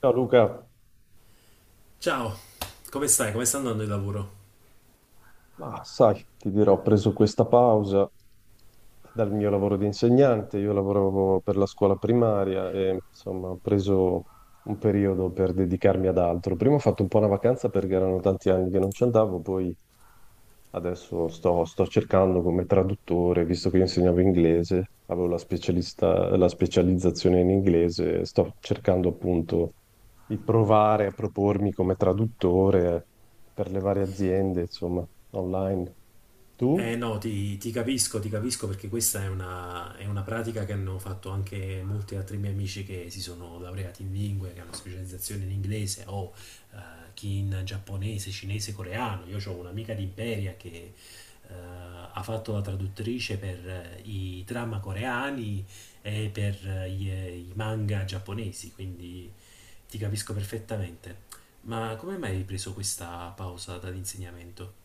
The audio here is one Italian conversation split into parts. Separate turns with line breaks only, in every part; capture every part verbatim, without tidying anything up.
Ciao Luca,
Ciao, come stai? Come sta andando il lavoro?
ma sai, ti dirò, ho preso questa pausa dal mio lavoro di insegnante. Io lavoravo per la scuola primaria e insomma ho preso un periodo per dedicarmi ad altro. Prima ho fatto un po' una vacanza perché erano tanti anni che non ci andavo, poi adesso sto, sto cercando come traduttore, visto che io insegnavo inglese, avevo la specialista- la specializzazione in inglese. Sto cercando appunto di provare a propormi come traduttore per le varie aziende, insomma, online. Tu?
Eh no, ti, ti capisco, ti capisco perché questa è una, è una pratica che hanno fatto anche molti altri miei amici che si sono laureati in lingue, che hanno specializzazione in inglese o eh, chi in giapponese, cinese, coreano. Io ho un'amica di Imperia che eh, ha fatto la traduttrice per eh, i drama coreani e per eh, gli- i manga giapponesi, quindi ti capisco perfettamente. Ma come mai hai preso questa pausa dall'insegnamento?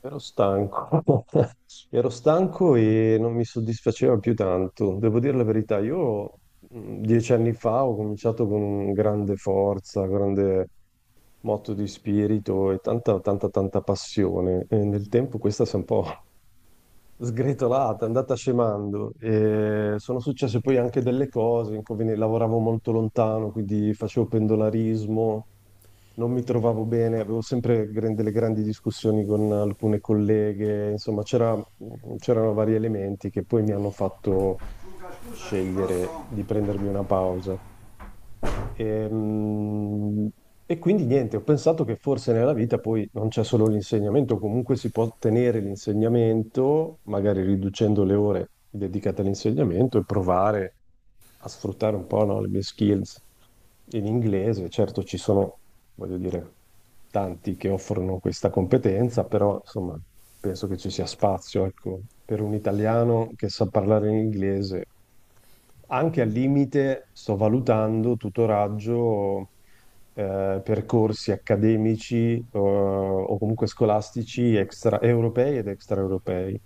Ero stanco, ero stanco e non mi soddisfaceva più tanto. Devo dire la verità, io mh, dieci anni fa ho cominciato con grande forza, grande motto di spirito e tanta, tanta, tanta passione. E nel tempo questa si è un po' sgretolata, è andata scemando. E sono successe poi anche delle cose, inconvenienti. Lavoravo molto lontano, quindi facevo pendolarismo, non mi trovavo bene, avevo sempre gran- delle grandi discussioni con alcune colleghe, insomma, c'era- c'erano vari elementi che poi mi hanno fatto
Luca, scusami,
scegliere
posso?
di prendermi una pausa. Ehm, e quindi niente, ho pensato che forse nella vita poi non c'è solo l'insegnamento. Comunque si può ottenere l'insegnamento, magari riducendo le ore dedicate all'insegnamento, e provare a sfruttare un po', no, le mie skills in inglese. Certo, ci sono, voglio dire, tanti che offrono questa competenza, però insomma, penso che ci sia spazio, ecco, per un italiano che sa parlare in inglese. Anche al limite sto valutando tutoraggio, eh, percorsi accademici, eh, o comunque scolastici extra europei ed extraeuropei.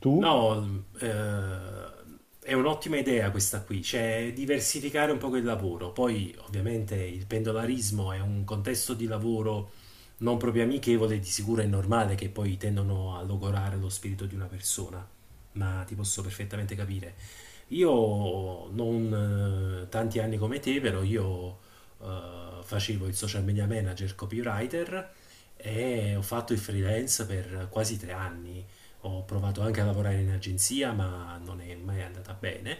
Tu?
No, eh, è un'ottima idea questa qui, cioè diversificare un po' il lavoro. Poi ovviamente il pendolarismo è un contesto di lavoro non proprio amichevole, di sicuro è normale che poi tendono a logorare lo spirito di una persona, ma ti posso perfettamente capire. Io non eh, tanti anni come te, però io eh, facevo il social media manager, copywriter e ho fatto il freelance per quasi tre anni. Ho provato anche a lavorare in agenzia, ma non è mai andata bene.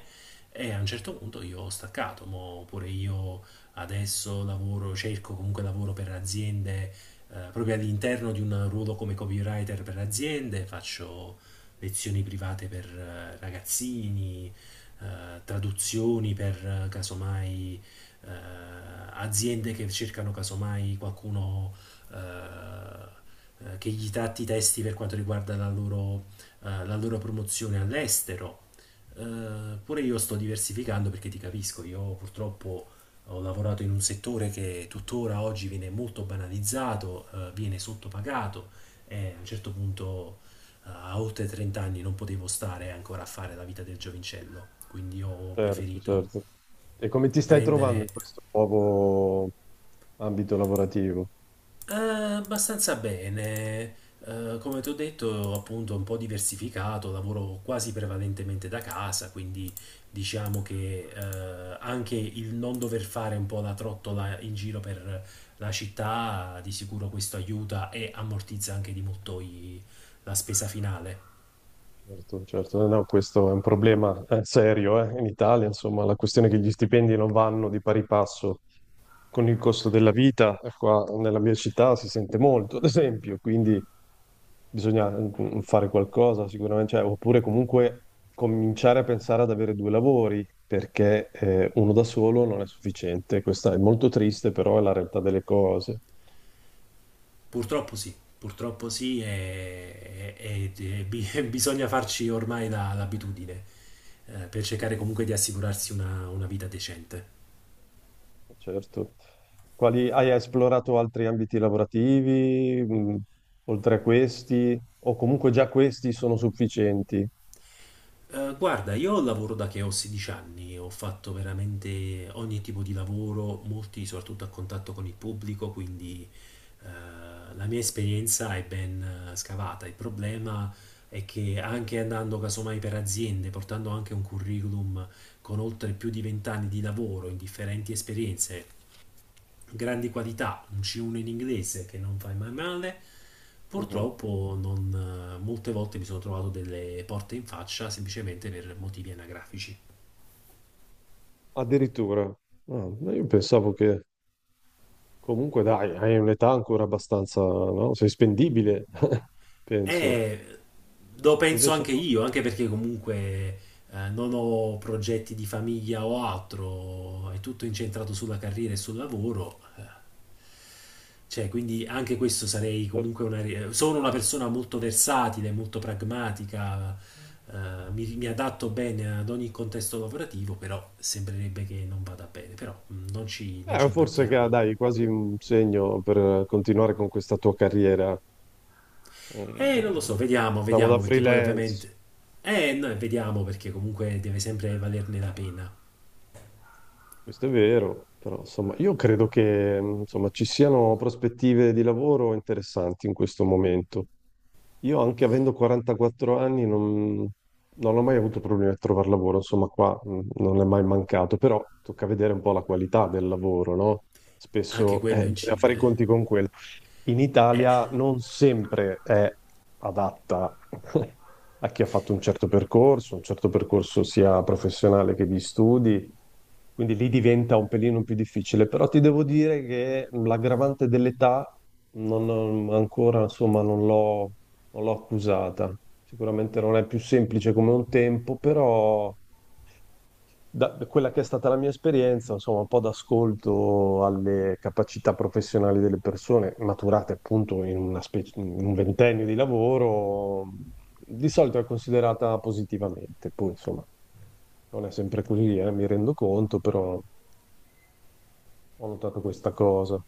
E a un certo punto io ho staccato, mo pure io adesso lavoro, cerco comunque lavoro per aziende, eh, proprio all'interno di un ruolo come copywriter per aziende, faccio lezioni private per eh, ragazzini, eh, traduzioni per eh, casomai eh, aziende che cercano casomai qualcuno eh, eh, che gli tratti i testi per quanto riguarda la loro, eh, la loro promozione all'estero. Eh, pure io sto diversificando perché ti capisco, io purtroppo ho lavorato in un settore che tuttora oggi viene molto banalizzato, eh, viene sottopagato e a un certo punto eh, a oltre trenta anni non potevo stare ancora a fare la vita del giovincello, quindi ho
Certo,
preferito
certo. E come ti stai trovando
prendere.
in questo nuovo ambito lavorativo?
Eh, abbastanza bene. Eh, come ti ho detto, appunto, un po' diversificato, lavoro quasi prevalentemente da casa, quindi diciamo che eh, anche il non dover fare un po' la trottola in giro per la città, di sicuro questo aiuta e ammortizza anche di molto i- la spesa finale.
Certo, certo. No, no, questo è un problema, eh, serio, eh, in Italia. Insomma, la questione è che gli stipendi non vanno di pari passo con il costo della vita, eh, qua nella mia città si sente molto, ad esempio. Quindi bisogna, mm, mm, fare qualcosa sicuramente, cioè, oppure comunque cominciare a pensare ad avere due lavori, perché eh, uno da solo non è sufficiente. Questa è molto triste, però è la realtà delle cose.
Purtroppo sì, purtroppo sì, e, e- e bi- bisogna farci ormai la- l'abitudine, eh, per cercare comunque di assicurarsi una una vita decente.
Certo. Quali, hai esplorato altri ambiti lavorativi, mh, oltre a questi, o comunque già questi sono sufficienti?
Eh, guarda, io lavoro da che ho sedici anni, ho fatto veramente ogni tipo di lavoro, molti soprattutto a contatto con il pubblico, quindi eh, la mia esperienza è ben eh, scavata. Il problema è che anche andando casomai per aziende, portando anche un curriculum con oltre più di venti anni di lavoro in differenti esperienze, grandi qualità, un C uno in inglese che non fai mai male.
Mhm.
Purtroppo non, eh, molte volte mi sono trovato delle porte in faccia semplicemente per motivi anagrafici.
Addirittura. Ah, ma io pensavo che comunque dai, hai un'età ancora abbastanza, no? Sei spendibile, penso.
Eh, lo penso
Invece
anche
no.
io, anche perché comunque eh, non ho progetti di famiglia o altro, è tutto incentrato sulla carriera e sul lavoro. eh. Cioè, quindi anche questo sarei
Certo.
comunque una... ri- Sono una persona molto versatile, molto pragmatica, eh, mi, mi adatto bene ad ogni contesto lavorativo, però sembrerebbe che non vada bene, però mm, non ci, non
Eh,
ci
forse che
abbattiamo.
dai, quasi un segno per continuare con questa tua carriera, eh,
Eh, non lo so, vediamo,
diciamo da
vediamo, perché poi
freelance.
ovviamente. Eh, no, vediamo perché comunque deve sempre valerne la pena.
Questo è vero, però insomma, io credo che, mh, insomma, ci siano prospettive di lavoro interessanti in questo momento. Io anche avendo quarantaquattro anni non, non ho mai avuto problemi a trovare lavoro, insomma qua, mh, non è mai mancato, però tocca vedere un po' la qualità del lavoro, no?
Anche
Spesso
quello
eh, bisogna fare i
incide.
conti con quello. In
Eh,
Italia non sempre è adatta a chi ha fatto un certo percorso, un certo percorso sia professionale che di studi. Quindi lì diventa un pelino più difficile, però ti devo dire che l'aggravante dell'età non ho- ancora, insomma, non l'ho non l'ho accusata. Sicuramente non è più semplice come un tempo, però da da quella che è stata la mia esperienza, insomma, un po' d'ascolto alle capacità professionali delle persone maturate appunto in una specie- in un ventennio di lavoro, di solito è considerata positivamente. Poi, insomma, non è sempre così, eh, mi rendo conto, però... Ho notato questa cosa.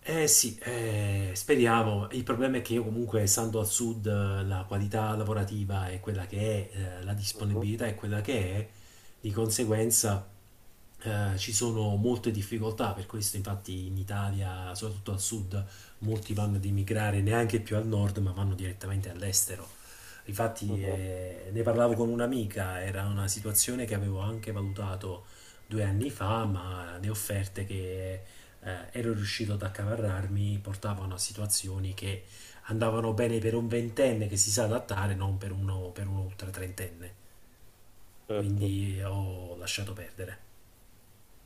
Eh sì, eh, speriamo. Il problema è che io comunque, essendo al sud, eh, la qualità lavorativa è quella che è, eh, la
Mhm.
disponibilità è quella che è, di conseguenza eh, ci sono molte difficoltà, per questo infatti in Italia, soprattutto al sud, molti vanno ad emigrare neanche più al nord, ma vanno direttamente all'estero. Infatti
Mhm.
eh, ne parlavo con un'amica, era una situazione che avevo anche valutato due anni fa, ma le offerte che eh, ero riuscito ad accavarrarmi portavano a situazioni che andavano bene per un ventenne che si sa adattare, non per uno, per un ultra trentenne.
Certo.
Quindi ho lasciato perdere.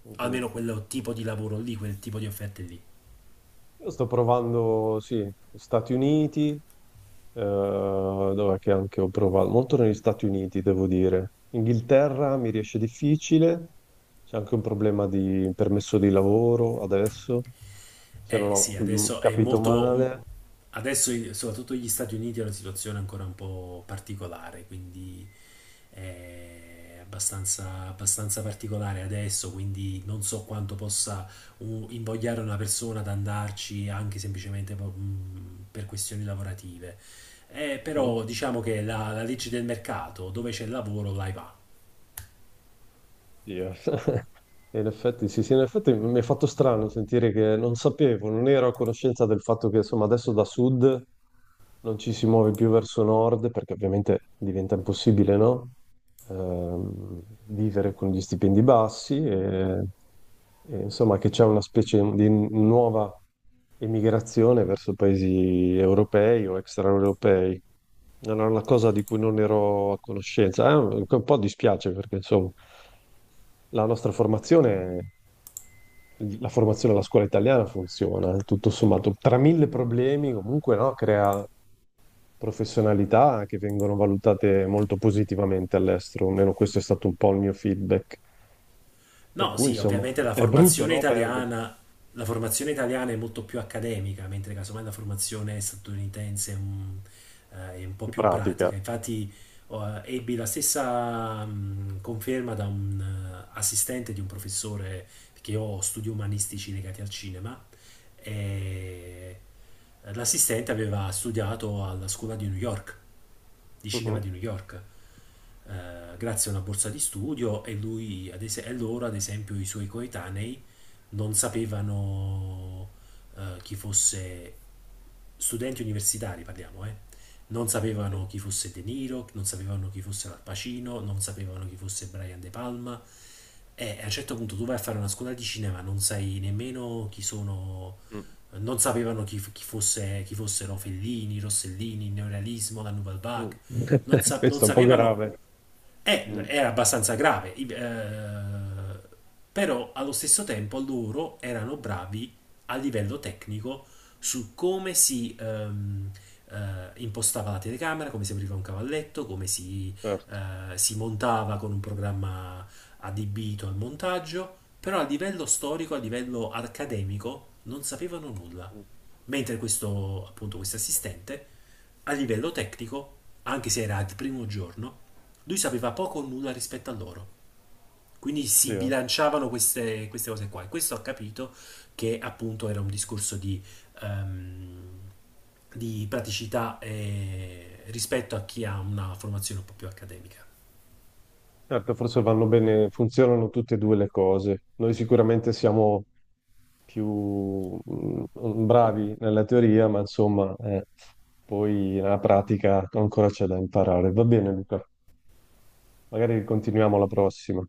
Mhm.
Almeno quel tipo di lavoro lì, quel tipo di offerte lì.
Io sto provando, sì, Stati Uniti, eh, dov'è che anche ho provato? Molto negli Stati Uniti, devo dire. Inghilterra mi riesce difficile, c'è anche un problema di permesso di lavoro adesso, se
Eh
non ho,
sì,
mm,
adesso è
capito
molto. mm,
male.
Adesso i- soprattutto gli Stati Uniti è una situazione ancora un po' particolare, quindi è abbastanza, abbastanza particolare adesso, quindi non so quanto possa uh, invogliare una persona ad andarci anche semplicemente po- mh, per questioni lavorative. Eh,
Mhm.
però diciamo che la, la legge del mercato, dove c'è il lavoro, là va.
Dio. E in effetti, sì, sì, in effetti mi è fatto strano sentire, che non sapevo, non ero a conoscenza del fatto che insomma adesso da sud non ci si muove più verso nord, perché ovviamente diventa impossibile, no? Ehm, Vivere con gli stipendi bassi, e, e, insomma, che c'è una specie di nuova emigrazione verso paesi europei o extraeuropei. Era una cosa di cui non ero a conoscenza. Eh, un po' dispiace perché insomma la nostra formazione la formazione alla scuola italiana funziona, tutto sommato. Tra mille problemi comunque, no, crea professionalità che vengono valutate molto positivamente all'estero, almeno questo è stato un po' il mio feedback. Per
No,
cui
sì,
insomma
ovviamente la
è brutto,
formazione
no, perdere
italiana, la formazione italiana è molto più accademica, mentre casomai la formazione statunitense è un, eh, è un po'
di
più
pratica.
pratica. Infatti, oh, eh, ebbi la stessa mh, conferma da un eh, assistente di un professore, perché io ho studi umanistici legati al cinema, e l'assistente aveva studiato alla scuola di New York di cinema di
Mhm.
New York, eh, grazie a una borsa di studio e lui, ad es- e loro, ad esempio, i suoi coetanei non sapevano eh, chi fosse studenti universitari, parliamo, eh. Non
Mhm.
sapevano chi fosse De Niro, non sapevano chi fosse Al Pacino, non sapevano chi fosse Brian De Palma. E a un certo punto tu vai a fare una scuola di cinema, non sai nemmeno chi sono,
Mm.
non sapevano chi, chi fosse, chi fossero Fellini, Rossellini, il neorealismo, la Nouvelle
Mm.
Vague non, sa- non
Questo è un po'
sapevano,
grave.
eh,
Mm.
era abbastanza grave, I- eh, però allo stesso tempo loro erano bravi a livello tecnico su come si ehm, eh, impostava la telecamera, come si apriva un cavalletto, come si,
Certo.
eh, si montava con un programma adibito al montaggio, però a livello storico, a livello accademico, non sapevano nulla.
Mm.
Mentre questo, appunto, questo assistente, a livello tecnico, anche se era il primo giorno, lui sapeva poco o nulla rispetto a loro. Quindi
Sì,
si
eh.
bilanciavano queste, queste cose qua. E questo ha capito che appunto era un discorso di, ehm, di praticità eh, rispetto a chi ha una formazione un po' più accademica.
Certo, forse vanno bene, funzionano tutte e due le cose. Noi sicuramente siamo più, mm, bravi nella teoria, ma insomma, eh, poi nella pratica ancora c'è da imparare. Va bene, Luca, magari continuiamo alla prossima.